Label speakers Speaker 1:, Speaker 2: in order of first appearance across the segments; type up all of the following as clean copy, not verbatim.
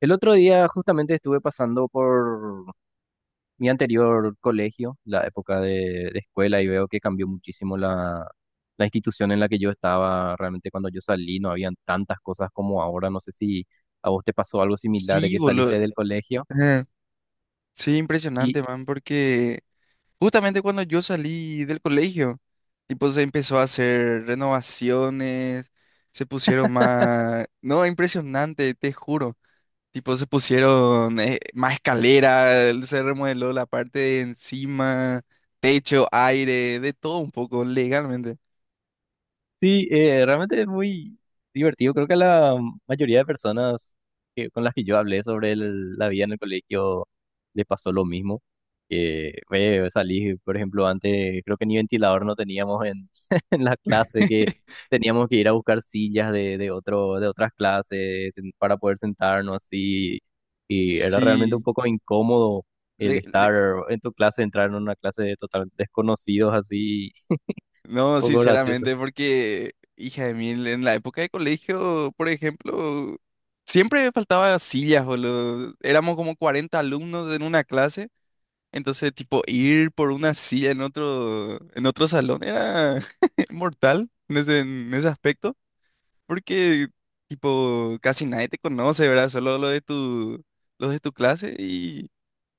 Speaker 1: El otro día justamente estuve pasando por mi anterior colegio, la época de escuela, y veo que cambió muchísimo la institución en la que yo estaba. Realmente cuando yo salí no habían tantas cosas como ahora. No sé si a vos te pasó algo similar de
Speaker 2: Sí,
Speaker 1: que
Speaker 2: boludo.
Speaker 1: saliste del colegio.
Speaker 2: Ajá. Sí, impresionante, man, porque justamente cuando yo salí del colegio, tipo, se empezó a hacer renovaciones, se pusieron más. No, impresionante, te juro. Tipo, se pusieron más escaleras, se remodeló la parte de encima, techo, aire, de todo un poco, legalmente.
Speaker 1: Sí, realmente es muy divertido. Creo que la mayoría de personas con las que yo hablé sobre la vida en el colegio les pasó lo mismo. Que salí, por ejemplo, antes creo que ni ventilador no teníamos en, en la clase, que teníamos que ir a buscar sillas de otras clases para poder sentarnos así. Y era realmente un
Speaker 2: Sí,
Speaker 1: poco incómodo el estar en tu clase, entrar en una clase de total desconocidos así,
Speaker 2: no,
Speaker 1: un poco gracioso.
Speaker 2: sinceramente, porque, hija de mil, en la época de colegio, por ejemplo, siempre faltaba sillas, boludo. Éramos como 40 alumnos en una clase, entonces, tipo, ir por una silla en otro salón era mortal en ese aspecto, porque, tipo, casi nadie te conoce, ¿verdad? Solo los de tu clase y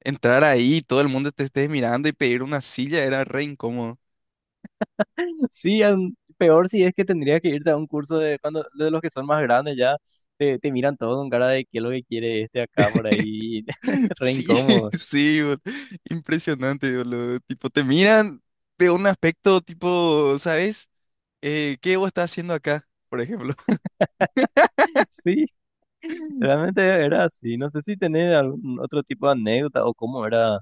Speaker 2: entrar ahí, todo el mundo te esté mirando y pedir una silla era re incómodo.
Speaker 1: Sí, peor si es que tendría que irte a un curso de cuando de los que son más grandes ya te miran todo con cara de qué es lo que quiere este acá por ahí, re
Speaker 2: Sí,
Speaker 1: incómodo.
Speaker 2: sí, impresionante, boludo. Tipo, te miran de un aspecto tipo, ¿sabes? ¿Qué vos estás haciendo acá, por ejemplo?
Speaker 1: Sí, realmente era así. No sé si tenés algún otro tipo de anécdota o cómo era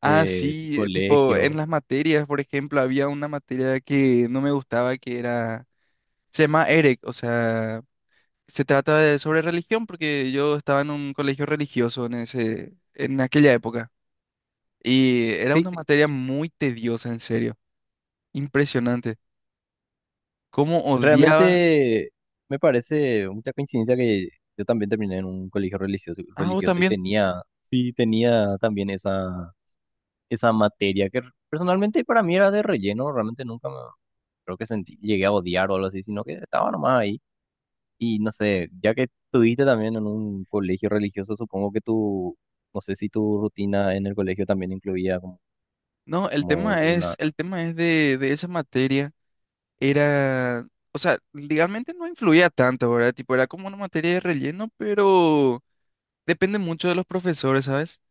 Speaker 2: Ah,
Speaker 1: tu
Speaker 2: sí, tipo, en
Speaker 1: colegio.
Speaker 2: las materias, por ejemplo, había una materia que no me gustaba, que era, se llama EREC, o sea, se trata de, sobre religión, porque yo estaba en un colegio religioso en ese, en aquella época, y era una
Speaker 1: Sí,
Speaker 2: materia muy tediosa, en serio, impresionante. ¿Cómo sí, odiaba? Sí.
Speaker 1: realmente me parece mucha coincidencia que yo también terminé en un colegio religioso,
Speaker 2: Ah, vos
Speaker 1: religioso y
Speaker 2: también.
Speaker 1: tenía, sí, tenía también esa materia que personalmente para mí era de relleno, realmente nunca me creo que sentí, llegué a odiar o algo así, sino que estaba nomás ahí. Y no sé, ya que estuviste también en un colegio religioso, supongo que tu, no sé si tu rutina en el colegio también incluía como,
Speaker 2: No,
Speaker 1: como una...
Speaker 2: el tema es de esa materia, era, o sea, legalmente no influía tanto, ¿verdad? Tipo, era como una materia de relleno, pero depende mucho de los profesores, ¿sabes?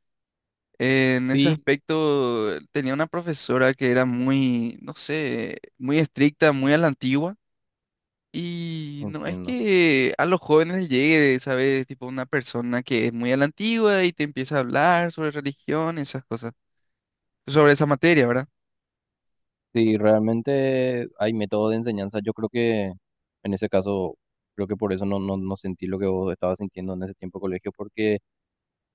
Speaker 2: En ese
Speaker 1: Sí,
Speaker 2: aspecto tenía una profesora que era muy, no sé, muy estricta, muy a la antigua, y no es
Speaker 1: entiendo.
Speaker 2: que a los jóvenes les llegue, ¿sabes? Tipo, una persona que es muy a la antigua y te empieza a hablar sobre religión, esas cosas, sobre esa materia, ¿verdad?
Speaker 1: Sí, realmente hay método de enseñanza. Yo creo que en ese caso, creo que por eso no sentí lo que vos estabas sintiendo en ese tiempo de colegio, porque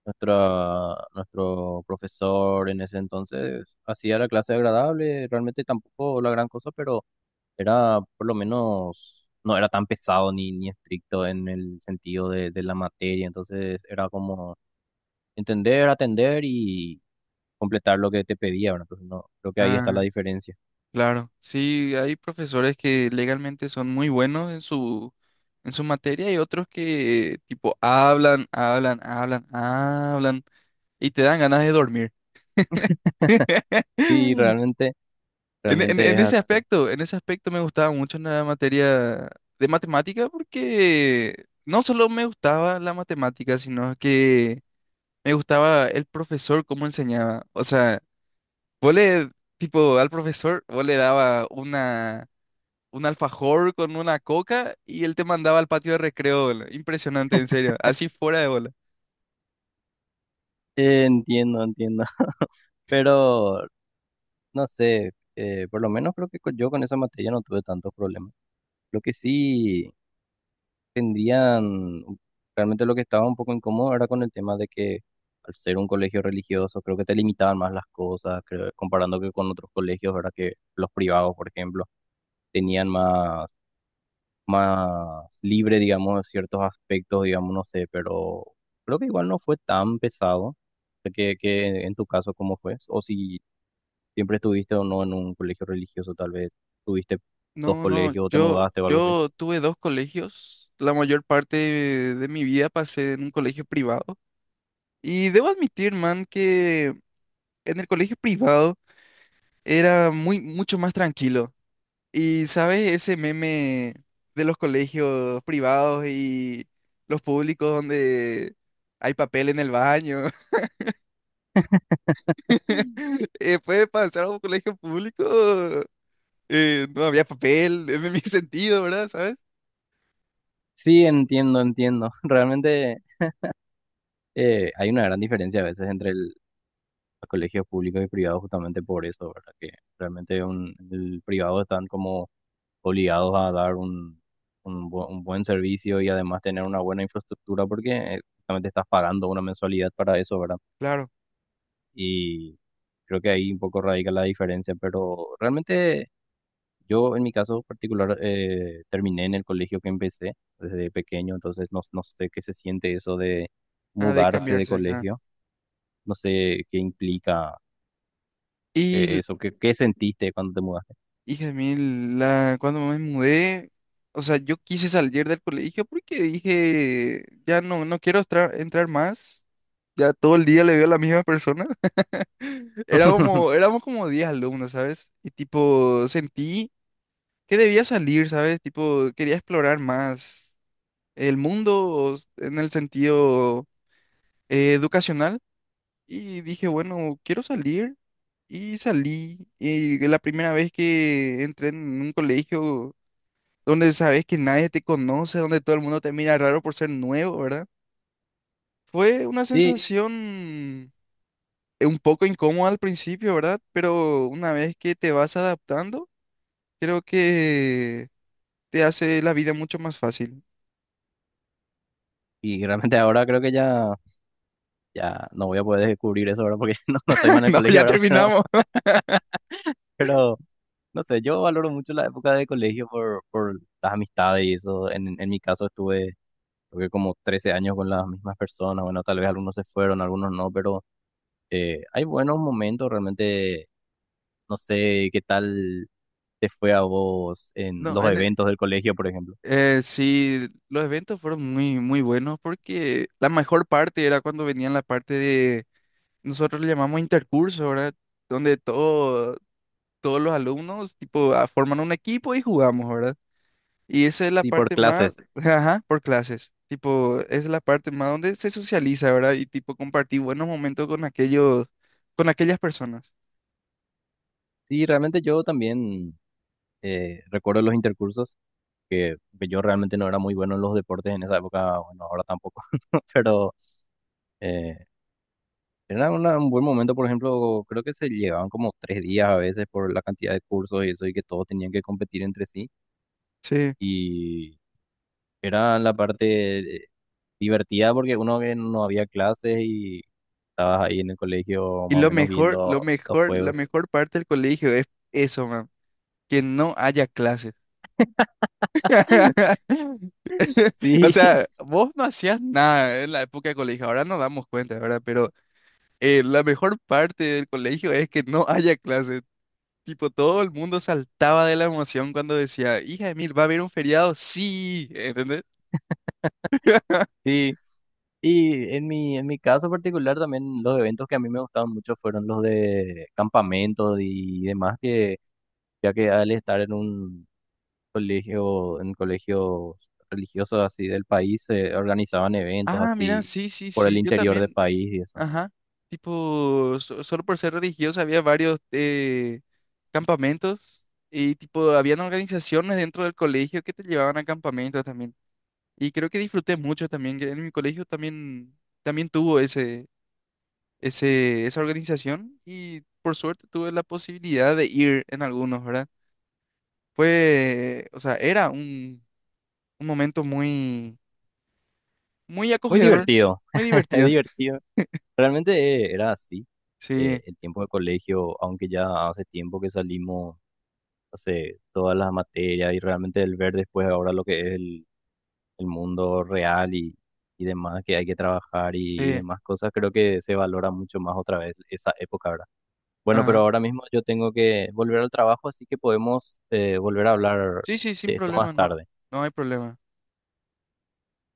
Speaker 1: nuestro profesor en ese entonces hacía la clase agradable, realmente tampoco la gran cosa, pero era por lo menos, no era tan pesado ni estricto en el sentido de la materia, entonces era como entender, atender y completar lo que te pedía, ¿verdad? Entonces no, creo que ahí está la
Speaker 2: Ah.
Speaker 1: diferencia.
Speaker 2: Claro, sí, hay profesores que legalmente son muy buenos en su materia y otros que tipo hablan, hablan, hablan, hablan y te dan ganas de dormir.
Speaker 1: Sí, realmente, realmente es así.
Speaker 2: En ese aspecto me gustaba mucho la materia de matemática porque no solo me gustaba la matemática, sino que me gustaba el profesor cómo enseñaba. O sea, vos le, tipo, al profesor, vos le daba una, un alfajor con una coca y él te mandaba al patio de recreo, boludo. Impresionante, en serio. Así fuera de bola.
Speaker 1: Entiendo, entiendo, pero no sé, por lo menos creo que yo con esa materia no tuve tantos problemas. Lo que sí... tendrían, realmente lo que estaba un poco incómodo era con el tema de que al ser un colegio religioso, creo que te limitaban más las cosas, comparando que con otros colegios, ¿verdad? Que los privados, por ejemplo, tenían más, más libre, digamos, ciertos aspectos, digamos, no sé, pero creo que igual no fue tan pesado. Sé que en tu caso, ¿cómo fue? O si siempre estuviste o no en un colegio religioso, tal vez tuviste dos
Speaker 2: No, no, órale.
Speaker 1: colegios o te mudaste o algo así.
Speaker 2: Yo tuve dos colegios. La mayor parte de mi vida pasé en un colegio privado. Y debo admitir, man, que en el colegio privado era muy, mucho más tranquilo. Y, ¿sabes? Ese meme de los colegios privados y los públicos donde hay papel en el baño. Pues para entrar a un colegio público no había papel, en mi sentido, ¿verdad? ¿Sabes?
Speaker 1: Sí, entiendo, entiendo. Realmente hay una gran diferencia a veces entre los colegios públicos y privados justamente por eso, ¿verdad? Que realmente un, el privado están como obligados a dar un, un buen servicio y además tener una buena infraestructura porque justamente estás pagando una mensualidad para eso, ¿verdad?
Speaker 2: Claro,
Speaker 1: Y creo que ahí un poco radica la diferencia, pero realmente... Yo en mi caso particular terminé en el colegio que empecé desde pequeño, entonces no sé qué se siente eso de
Speaker 2: ha de
Speaker 1: mudarse de
Speaker 2: cambiarse. Totalmente. Ah.
Speaker 1: colegio, no sé qué implica
Speaker 2: Y, l-
Speaker 1: eso, qué sentiste cuando te mudaste.
Speaker 2: Hija de mil, la, cuando me mudé, o sea, yo quise salir del colegio porque dije, ya no, no quiero entrar más. Ya todo el día le veo a la misma persona. Era como, éramos como 10 alumnos, ¿sabes? Y tipo, sentí que debía salir, ¿sabes? Tipo, quería explorar más el mundo en el sentido educacional y dije, bueno, quiero salir y salí. Y la primera vez que entré en un colegio donde sabes que nadie te conoce, donde todo el mundo te mira raro por ser nuevo, ¿verdad? Fue una sí.
Speaker 1: Sí,
Speaker 2: Sensación un poco incómoda al principio, ¿verdad? Pero una vez que te vas adaptando, creo que te hace la vida mucho más fácil.
Speaker 1: y realmente ahora creo que ya, ya no voy a poder descubrir eso ahora porque no estoy más en el
Speaker 2: No,
Speaker 1: colegio
Speaker 2: ya
Speaker 1: ahora,
Speaker 2: terminamos.
Speaker 1: pero no sé, yo valoro mucho la época de colegio por las amistades y eso. En mi caso estuve creo que como 13 años con las mismas personas, bueno, tal vez algunos se fueron, algunos no, pero eh, hay buenos momentos, realmente no sé qué tal te fue a vos en
Speaker 2: No,
Speaker 1: los
Speaker 2: en
Speaker 1: eventos del colegio, por ejemplo.
Speaker 2: Sí, los eventos fueron muy, muy buenos porque la mejor parte era cuando venían la parte de, nosotros le llamamos intercurso, ¿verdad? Donde todo, todos los alumnos tipo ah, forman un equipo y jugamos, ¿verdad? Y esa es la
Speaker 1: Sí, por
Speaker 2: parte por más,
Speaker 1: clases.
Speaker 2: clase. Ajá, por clases, tipo, esa es la parte más donde se socializa, ¿verdad? Y tipo compartir buenos momentos con aquellos, con aquellas personas.
Speaker 1: Sí, realmente yo también recuerdo los intercursos, que yo realmente no era muy bueno en los deportes en esa época, bueno, ahora tampoco, pero eh, era un buen momento, por ejemplo, creo que se llevaban como 3 días a veces por la cantidad de cursos y eso, y que todos tenían que competir entre sí.
Speaker 2: Sí.
Speaker 1: Y era la parte divertida porque uno que no había clases y estabas ahí en el colegio más o menos
Speaker 2: Lo
Speaker 1: viendo los
Speaker 2: mejor, la
Speaker 1: juegos.
Speaker 2: mejor parte del colegio es eso, man, que no haya clases. O
Speaker 1: Sí,
Speaker 2: sea, vos no hacías nada en la época de colegio, ahora nos damos cuenta, ¿verdad? Pero la mejor parte del colegio es que no haya clases. Tipo, todo el mundo saltaba de la emoción cuando decía, hija de mil, ¿va a haber un feriado? Sí, ¿entendés?
Speaker 1: sí. Y en en mi caso particular también los eventos que a mí me gustaban mucho fueron los de campamentos y demás, que ya que al estar en un colegio, en colegios religiosos así del país, se organizaban eventos
Speaker 2: Ah, mira,
Speaker 1: así
Speaker 2: sí, sí,
Speaker 1: por el
Speaker 2: sí, yo
Speaker 1: interior del
Speaker 2: también,
Speaker 1: país y eso.
Speaker 2: ajá. Tipo, solo por ser religioso había varios campamentos y tipo, habían organizaciones dentro del colegio que te llevaban a campamentos también. Y creo que disfruté mucho también, que en mi colegio también, también tuvo ese, ese, esa organización y por suerte tuve la posibilidad de ir en algunos, ¿verdad? Fue, o sea, era un momento muy, muy
Speaker 1: Muy
Speaker 2: acogedor,
Speaker 1: divertido,
Speaker 2: muy divertido.
Speaker 1: divertido. Realmente era así. Eh,
Speaker 2: Sí,
Speaker 1: el tiempo de colegio, aunque ya hace tiempo que salimos, hace todas las materias y realmente el ver después ahora lo que es el mundo real y demás, que hay que trabajar y
Speaker 2: sí,
Speaker 1: demás cosas, creo que se valora mucho más otra vez esa época, ¿verdad? Bueno, pero
Speaker 2: ajá.
Speaker 1: ahora mismo yo tengo que volver al trabajo, así que podemos volver a hablar
Speaker 2: Sí, sí, sin
Speaker 1: de esto más
Speaker 2: problema, no,
Speaker 1: tarde.
Speaker 2: no hay problema.